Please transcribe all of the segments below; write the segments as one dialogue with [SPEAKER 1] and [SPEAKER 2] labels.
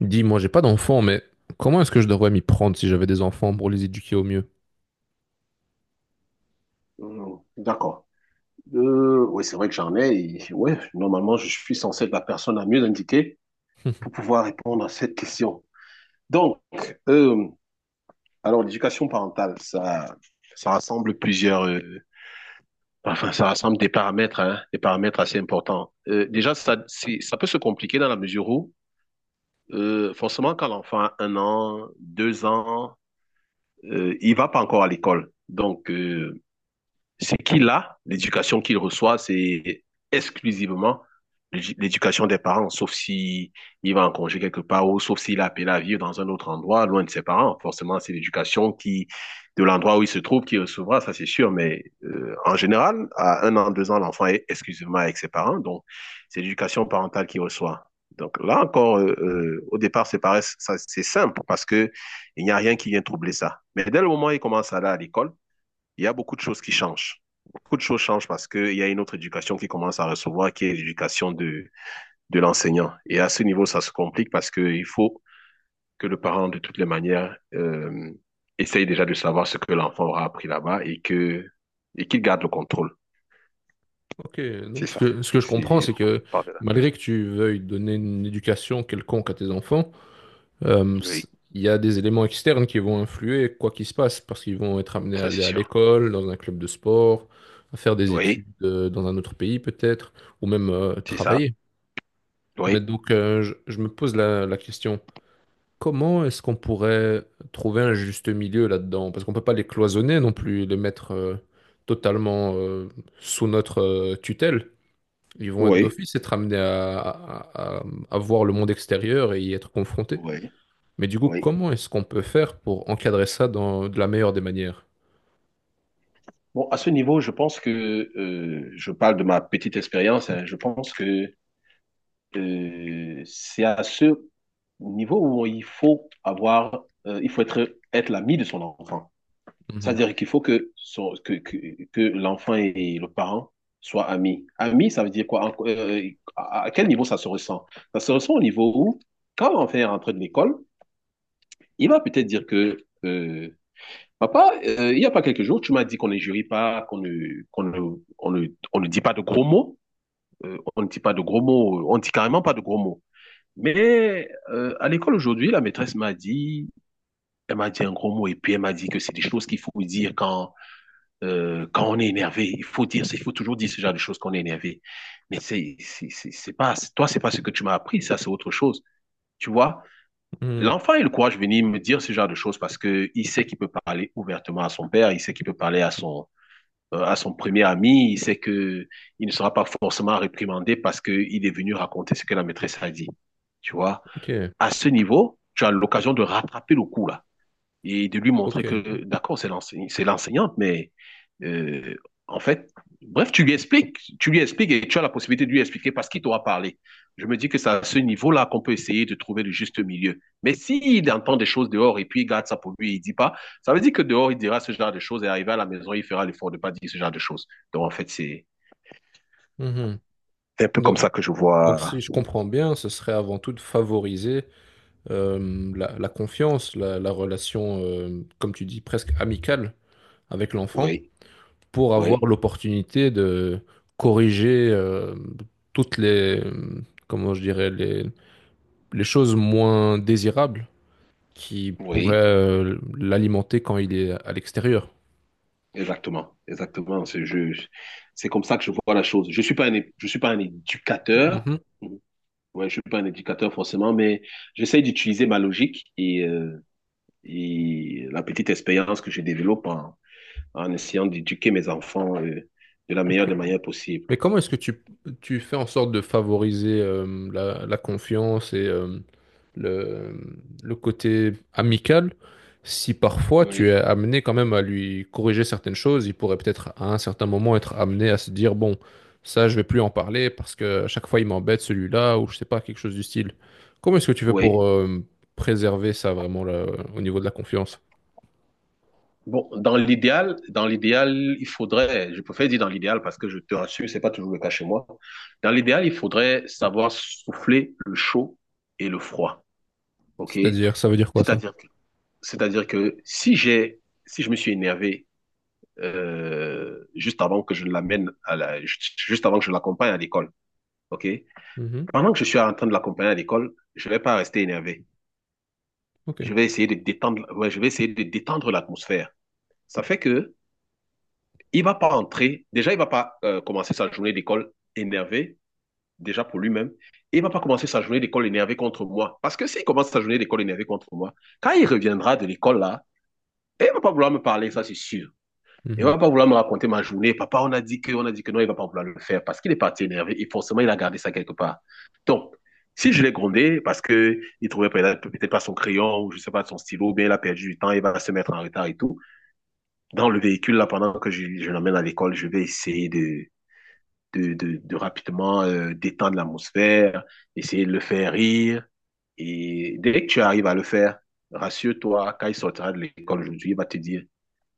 [SPEAKER 1] Dis, moi, j'ai pas d'enfants, mais comment est-ce que je devrais m'y prendre si j'avais des enfants pour les éduquer au mieux?
[SPEAKER 2] Mhm. D'accord. Oui, c'est vrai que j'en ai. Et ouais, normalement, je suis censé être la personne la mieux indiquée pour pouvoir répondre à cette question. Donc, euh, alors l'éducation parentale, ça rassemble plusieurs, enfin, ça rassemble des paramètres, hein, des paramètres assez importants. Déjà, ça, ça peut se compliquer dans la mesure où, forcément, quand l'enfant a 1 an, 2 ans, il va pas encore à l'école. Donc, c'est qu'il a, l'éducation qu'il reçoit, c'est exclusivement l'éducation des parents, sauf si il va en congé quelque part ou sauf s'il a appelé à vivre dans un autre endroit, loin de ses parents. Forcément, c'est l'éducation qui, de l'endroit où il se trouve, qui recevra, ça c'est sûr. Mais en général, à 1 an, 2 ans, l'enfant est exclusivement avec ses parents, donc c'est l'éducation parentale qu'il reçoit. Donc là encore, au départ, c'est pareil, ça, c'est simple parce que il n'y a rien qui vient troubler ça. Mais dès le moment où il commence à aller à l'école, il y a beaucoup de choses qui changent. Beaucoup de choses changent parce qu'il y a une autre éducation qui commence à recevoir, qui est l'éducation de l'enseignant. Et à ce niveau, ça se complique parce qu'il faut que le parent, de toutes les manières, essaye déjà de savoir ce que l'enfant aura appris là-bas et qu'il garde le contrôle.
[SPEAKER 1] Ok,
[SPEAKER 2] C'est
[SPEAKER 1] donc ce
[SPEAKER 2] ça.
[SPEAKER 1] que, ce que je comprends,
[SPEAKER 2] Si
[SPEAKER 1] c'est que
[SPEAKER 2] on parle de là.
[SPEAKER 1] malgré que tu veuilles donner une éducation quelconque à tes enfants,
[SPEAKER 2] Oui,
[SPEAKER 1] il y a des éléments externes qui vont influer quoi qu'il se passe, parce qu'ils vont être amenés à
[SPEAKER 2] ça c'est
[SPEAKER 1] aller à
[SPEAKER 2] sûr.
[SPEAKER 1] l'école, dans un club de sport, à faire des études
[SPEAKER 2] Oui,
[SPEAKER 1] dans un autre pays peut-être, ou même
[SPEAKER 2] c'est ça.
[SPEAKER 1] travailler. Mais
[SPEAKER 2] Oui.
[SPEAKER 1] donc, je me pose la question. Comment est-ce qu'on pourrait trouver un juste milieu là-dedans? Parce qu'on peut pas les cloisonner non plus, les mettre totalement sous notre tutelle. Ils vont être
[SPEAKER 2] Oui,
[SPEAKER 1] d'office être amenés à voir le monde extérieur et y être confrontés.
[SPEAKER 2] oui,
[SPEAKER 1] Mais du coup,
[SPEAKER 2] oui.
[SPEAKER 1] comment est-ce qu'on peut faire pour encadrer ça dans, de la meilleure des manières?
[SPEAKER 2] Bon, à ce niveau, je pense que je parle de ma petite expérience. Hein, je pense que c'est à ce niveau où il faut avoir, il faut être l'ami de son enfant.
[SPEAKER 1] Mhm.
[SPEAKER 2] C'est-à-dire qu'il faut que, que l'enfant et le parent soient amis. Amis, ça veut dire quoi? À quel niveau ça se ressent? Ça se ressent au niveau où, quand l'enfant est rentré de l'école, il va peut-être dire que, euh, papa, il n'y a pas quelques jours, tu m'as dit qu'on ne jurie pas, qu'on ne, on ne, on ne dit pas de gros mots. On ne dit pas de gros mots, on ne dit carrément pas de gros mots. Mais à l'école aujourd'hui, la maîtresse m'a dit, elle m'a dit un gros mot et puis elle m'a dit que c'est des choses qu'il faut dire quand on est énervé. Il faut dire, il faut toujours dire ce genre de choses quand on est énervé. Mais c'est pas, toi, c'est pas ce que tu m'as appris, ça, c'est autre chose. Tu vois,
[SPEAKER 1] Mhm.
[SPEAKER 2] l'enfant a le courage de venir me dire ce genre de choses parce que il sait qu'il peut parler ouvertement à son père, il sait qu'il peut parler à son premier ami, il sait que il ne sera pas forcément réprimandé parce que il est venu raconter ce que la maîtresse a dit. Tu vois?
[SPEAKER 1] Ok,
[SPEAKER 2] À ce niveau, tu as l'occasion de rattraper le coup là et de lui montrer
[SPEAKER 1] ok.
[SPEAKER 2] que d'accord, c'est l'enseignante, mais euh, en fait, bref, tu lui expliques et tu as la possibilité de lui expliquer parce qu'il t'aura parlé. Je me dis que c'est à ce niveau-là qu'on peut essayer de trouver le juste milieu. Mais s'il entend des choses dehors et puis il garde ça pour lui et il dit pas, ça veut dire que dehors il dira ce genre de choses et arrivé à la maison il fera l'effort de pas dire ce genre de choses. Donc en fait, c'est
[SPEAKER 1] Mhm.
[SPEAKER 2] un peu comme
[SPEAKER 1] Donc,
[SPEAKER 2] ça que je
[SPEAKER 1] donc si
[SPEAKER 2] vois.
[SPEAKER 1] je comprends bien, ce serait avant tout de favoriser la confiance, la relation, comme tu dis, presque amicale avec l'enfant
[SPEAKER 2] Oui,
[SPEAKER 1] pour avoir
[SPEAKER 2] oui,
[SPEAKER 1] l'opportunité de corriger toutes les, comment je dirais, les choses moins désirables qui pourraient
[SPEAKER 2] oui.
[SPEAKER 1] l'alimenter quand il est à l'extérieur.
[SPEAKER 2] Exactement, exactement. C'est comme ça que je vois la chose. Je suis pas un, je suis pas un éducateur.
[SPEAKER 1] Mhm.
[SPEAKER 2] Ouais, je suis pas un éducateur forcément, mais j'essaye d'utiliser ma logique et la petite expérience que je développe en essayant d'éduquer mes enfants de la meilleure
[SPEAKER 1] Ok,
[SPEAKER 2] des manières possibles.
[SPEAKER 1] mais comment est-ce que tu fais en sorte de favoriser la confiance et le côté amical si parfois tu es
[SPEAKER 2] Oui.
[SPEAKER 1] amené quand même à lui corriger certaines choses, il pourrait peut-être à un certain moment être amené à se dire, bon, ça je vais plus en parler parce que à chaque fois il m'embête celui-là ou je sais pas, quelque chose du style. Comment est-ce que tu fais pour
[SPEAKER 2] Oui.
[SPEAKER 1] préserver ça vraiment là, au niveau de la confiance?
[SPEAKER 2] Bon, dans l'idéal, il faudrait, je préfère dire dans l'idéal parce que je te rassure, c'est pas toujours le cas chez moi. Dans l'idéal, il faudrait savoir souffler le chaud et le froid. OK?
[SPEAKER 1] C'est-à-dire, ça veut dire quoi ça?
[SPEAKER 2] C'est-à-dire que, c'est-à-dire que si je me suis énervé, juste avant que je l'amène juste avant que je l'accompagne à l'école. OK?
[SPEAKER 1] Mhm.
[SPEAKER 2] Pendant que je suis en train de l'accompagner à l'école, je vais pas rester énervé.
[SPEAKER 1] Ok.
[SPEAKER 2] Je vais essayer de détendre, ouais, je vais essayer de détendre l'atmosphère. Ça fait que, il ne va pas entrer. Déjà, il ne va pas commencer sa journée d'école énervé, déjà pour lui-même. Et il ne va pas commencer sa journée d'école énervé contre moi. Parce que s'il commence sa journée d'école énervé contre moi, quand il reviendra de l'école là, il ne va pas vouloir me parler, ça c'est sûr. Il ne
[SPEAKER 1] Mhm.
[SPEAKER 2] va pas vouloir me raconter ma journée. Papa, on a dit que non, il ne va pas vouloir le faire parce qu'il est parti énervé et forcément il a gardé ça quelque part. Donc, si je l'ai grondé parce que il trouvait peut-être pas son crayon ou je ne sais pas son stylo, bien il a perdu du temps, il va se mettre en retard et tout. Dans le véhicule là, pendant que je l'emmène à l'école, je vais essayer de de rapidement détendre l'atmosphère, essayer de le faire rire. Et dès que tu arrives à le faire, rassure-toi, quand il sortira de l'école aujourd'hui, il va te dire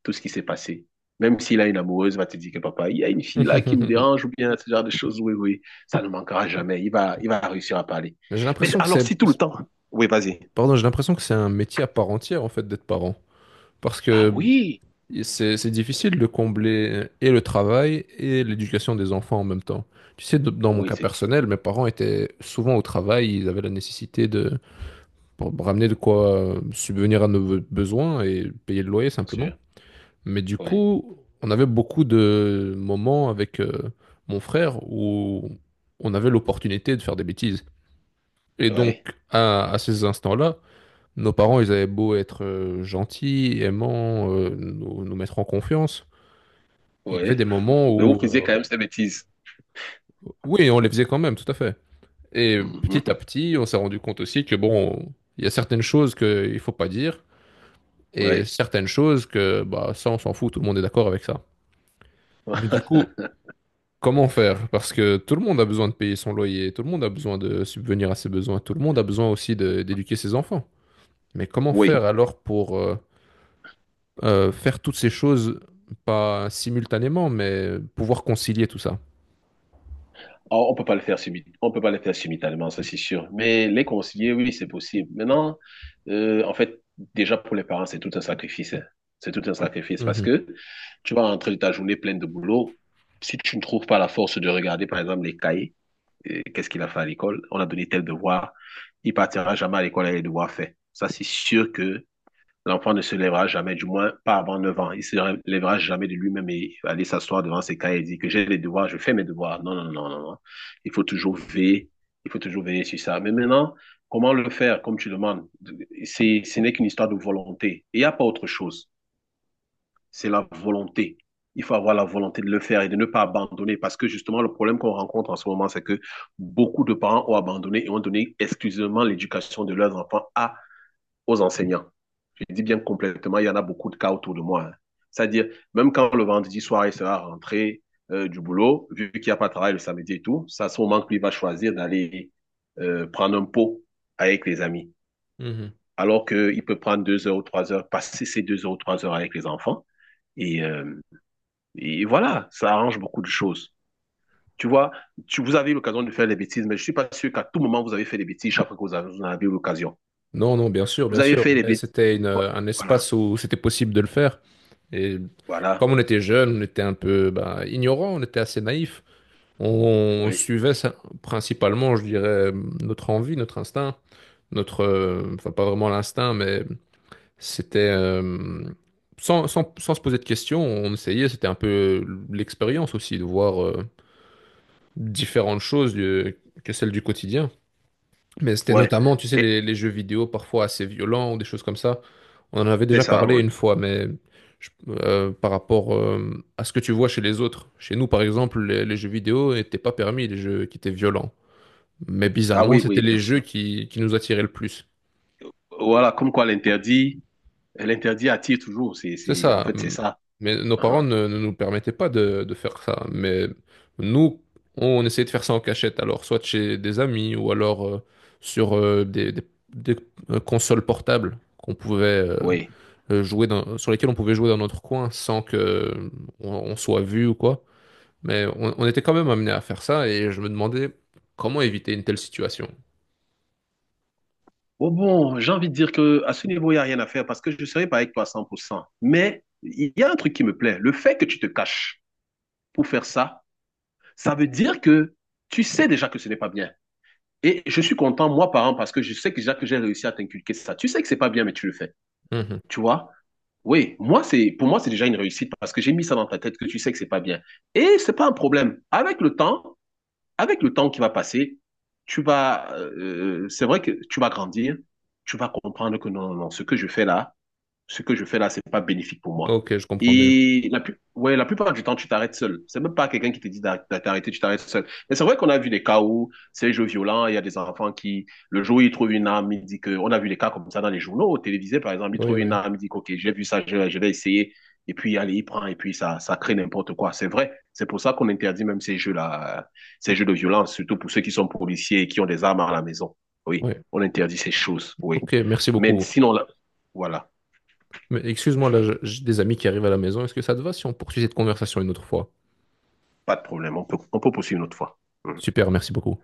[SPEAKER 2] tout ce qui s'est passé. Même s'il a une amoureuse, il va te dire que papa, il y a une fille là qui me dérange ou bien ce genre de choses. Oui, oui, ça ne manquera jamais. Il va réussir à parler.
[SPEAKER 1] J'ai
[SPEAKER 2] Mais
[SPEAKER 1] l'impression que
[SPEAKER 2] alors,
[SPEAKER 1] c'est
[SPEAKER 2] si tout le temps, oui, vas-y.
[SPEAKER 1] pardon, j'ai l'impression que c'est un métier à part entière, en fait, d'être parent. Parce
[SPEAKER 2] Ah
[SPEAKER 1] que
[SPEAKER 2] oui,
[SPEAKER 1] c'est difficile de combler et le travail et l'éducation des enfants en même temps. Tu sais, dans mon
[SPEAKER 2] oui,
[SPEAKER 1] cas
[SPEAKER 2] c'est
[SPEAKER 1] personnel,
[SPEAKER 2] difficile,
[SPEAKER 1] mes parents étaient souvent au travail, ils avaient la nécessité de pour me ramener de quoi subvenir à nos besoins et payer le loyer
[SPEAKER 2] bien
[SPEAKER 1] simplement.
[SPEAKER 2] sûr.
[SPEAKER 1] Mais du
[SPEAKER 2] Oui,
[SPEAKER 1] coup, on avait beaucoup de moments avec mon frère où on avait l'opportunité de faire des bêtises. Et donc,
[SPEAKER 2] oui,
[SPEAKER 1] à ces instants-là, nos parents, ils avaient beau être gentils, aimants, nous, nous mettre en confiance. Il y avait
[SPEAKER 2] oui.
[SPEAKER 1] des moments
[SPEAKER 2] Mais vous faisiez quand même ces bêtises.
[SPEAKER 1] oui, on les faisait quand même, tout à fait. Et petit à petit, on s'est rendu compte aussi que, bon, il y a certaines choses qu'il ne faut pas dire, et
[SPEAKER 2] Oui.
[SPEAKER 1] certaines choses que, bah, ça, on s'en fout, tout le monde est d'accord avec ça. Mais du coup, comment faire? Parce que tout le monde a besoin de payer son loyer, tout le monde a besoin de subvenir à ses besoin, tout le monde a besoin aussi d'éduquer ses enfants. Mais comment
[SPEAKER 2] Oui.
[SPEAKER 1] faire alors pour... faire toutes ces choses, pas simultanément, mais pouvoir concilier tout ça.
[SPEAKER 2] Oh, on peut pas le faire simultanément, ça c'est sûr. Mais les concilier, oui, c'est possible. Maintenant, en fait, déjà pour les parents, c'est tout un sacrifice. Hein. C'est tout un sacrifice parce
[SPEAKER 1] Mhm,
[SPEAKER 2] que tu vas rentrer de ta journée pleine de boulot. Si tu ne trouves pas la force de regarder, par exemple, les cahiers, qu'est-ce qu'il a fait à l'école? On a donné tel devoir. Il partira jamais à l'école avec les devoirs faits. Ça, c'est sûr que l'enfant ne se lèvera jamais, du moins pas avant 9 ans. Il ne se lèvera jamais de lui-même et aller s'asseoir devant ses cahiers et dire que j'ai les devoirs, je fais mes devoirs. Non, non, non, non, non. Il faut toujours veiller. Il faut toujours veiller sur ça. Mais maintenant, comment le faire, comme tu demandes? Ce n'est qu'une histoire de volonté. Il n'y a pas autre chose. C'est la volonté. Il faut avoir la volonté de le faire et de ne pas abandonner parce que justement, le problème qu'on rencontre en ce moment, c'est que beaucoup de parents ont abandonné et ont donné exclusivement l'éducation de leurs enfants aux enseignants. Je dis bien complètement, il y en a beaucoup de cas autour de moi. Hein. C'est-à-dire, même quand le vendredi soir, il sera rentré du boulot, vu qu'il n'y a pas de travail le samedi et tout, c'est ça, son manque, lui, va choisir d'aller prendre un pot avec les amis.
[SPEAKER 1] mhm.
[SPEAKER 2] Alors qu'il peut prendre 2 heures ou 3 heures, passer ces 2 heures ou 3 heures avec les enfants. Et, euh, et voilà, ça arrange beaucoup de choses. Tu vois, vous avez eu l'occasion de faire des bêtises, mais je ne suis pas sûr qu'à tout moment, vous avez fait des bêtises chaque fois que vous en avez eu l'occasion.
[SPEAKER 1] Non, non, bien sûr,
[SPEAKER 2] Vous
[SPEAKER 1] bien
[SPEAKER 2] avez
[SPEAKER 1] sûr.
[SPEAKER 2] fait des
[SPEAKER 1] Mais
[SPEAKER 2] bêtises.
[SPEAKER 1] c'était une, un
[SPEAKER 2] Voilà,
[SPEAKER 1] espace où c'était possible de le faire. Et
[SPEAKER 2] voilà,
[SPEAKER 1] comme on était jeunes, on était un peu bah, ignorants, on était assez naïfs. On,
[SPEAKER 2] oui,
[SPEAKER 1] suivait principalement, je dirais, notre envie, notre instinct, notre, enfin pas vraiment l'instinct, mais c'était sans se poser de questions, on essayait. C'était un peu l'expérience aussi de voir, différentes choses que celles du quotidien. Mais c'était
[SPEAKER 2] ouais.
[SPEAKER 1] notamment, tu sais,
[SPEAKER 2] Et
[SPEAKER 1] les jeux vidéo parfois assez violents ou des choses comme ça. On en avait
[SPEAKER 2] c'est
[SPEAKER 1] déjà
[SPEAKER 2] ça,
[SPEAKER 1] parlé
[SPEAKER 2] oui.
[SPEAKER 1] une fois, mais par rapport à ce que tu vois chez les autres. Chez nous, par exemple, les jeux vidéo n'étaient pas permis, les jeux qui étaient violents. Mais
[SPEAKER 2] Ah
[SPEAKER 1] bizarrement,
[SPEAKER 2] oui,
[SPEAKER 1] c'était
[SPEAKER 2] oui, bien
[SPEAKER 1] les jeux
[SPEAKER 2] sûr.
[SPEAKER 1] qui nous attiraient le plus.
[SPEAKER 2] Voilà, comme quoi l'interdit, l'interdit attire toujours. C'est,
[SPEAKER 1] C'est
[SPEAKER 2] c'est, en
[SPEAKER 1] ça.
[SPEAKER 2] fait, c'est ça.
[SPEAKER 1] Mais nos parents
[SPEAKER 2] Uhum.
[SPEAKER 1] ne nous permettaient pas de faire ça. Mais nous, on essayait de faire ça en cachette. Alors, soit chez des amis ou alors sur consoles portables qu'on pouvait
[SPEAKER 2] Oui.
[SPEAKER 1] jouer sur lesquelles on pouvait jouer dans notre coin sans que on soit vu ou quoi. Mais on était quand même amené à faire ça et je me demandais comment éviter une telle situation.
[SPEAKER 2] Bon, bon, j'ai envie de dire que à ce niveau, il n'y a rien à faire parce que je ne serai pas avec toi à 100%. Mais il y a un truc qui me plaît. Le fait que tu te caches pour faire ça, ça veut dire que tu sais déjà que ce n'est pas bien. Et je suis content, moi, parent, parce que je sais que déjà que j'ai réussi à t'inculquer ça. Tu sais que c'est pas bien, mais tu le fais.
[SPEAKER 1] Mhm.
[SPEAKER 2] Tu vois? Oui, moi c'est pour moi c'est déjà une réussite parce que j'ai mis ça dans ta tête que tu sais que c'est pas bien. Et c'est pas un problème. Avec le temps qui va passer, tu vas c'est vrai que tu vas grandir, tu vas comprendre que non non non, ce que je fais là, ce que je fais là, c'est pas bénéfique pour moi.
[SPEAKER 1] Ok, je comprends mieux.
[SPEAKER 2] Et ouais, la plupart du temps, tu t'arrêtes seul. C'est même pas quelqu'un qui te dit d'arrêter, tu t'arrêtes seul. Mais c'est vrai qu'on a vu des cas où c'est jeux violents, il y a des enfants qui, le jour où ils trouvent une arme, ils disent on a vu des cas comme ça dans les journaux, télévisés par exemple, ils
[SPEAKER 1] Oui,
[SPEAKER 2] trouvent une
[SPEAKER 1] oui.
[SPEAKER 2] arme, ils disent, OK, j'ai vu ça, je vais essayer. Et puis, allez, il prend, et puis ça crée n'importe quoi. C'est vrai. C'est pour ça qu'on interdit même ces jeux-là, ces jeux de violence, surtout pour ceux qui sont policiers et qui ont des armes à la maison. Oui,
[SPEAKER 1] Oui.
[SPEAKER 2] on interdit ces choses, oui.
[SPEAKER 1] Ok, merci
[SPEAKER 2] Mais
[SPEAKER 1] beaucoup.
[SPEAKER 2] sinon, là, voilà.
[SPEAKER 1] Mais excuse-moi, là, j'ai des amis qui arrivent à la maison. Est-ce que ça te va si on poursuit cette conversation une autre fois?
[SPEAKER 2] Pas de problème, on peut poursuivre une autre fois. Mm.
[SPEAKER 1] Super, merci beaucoup.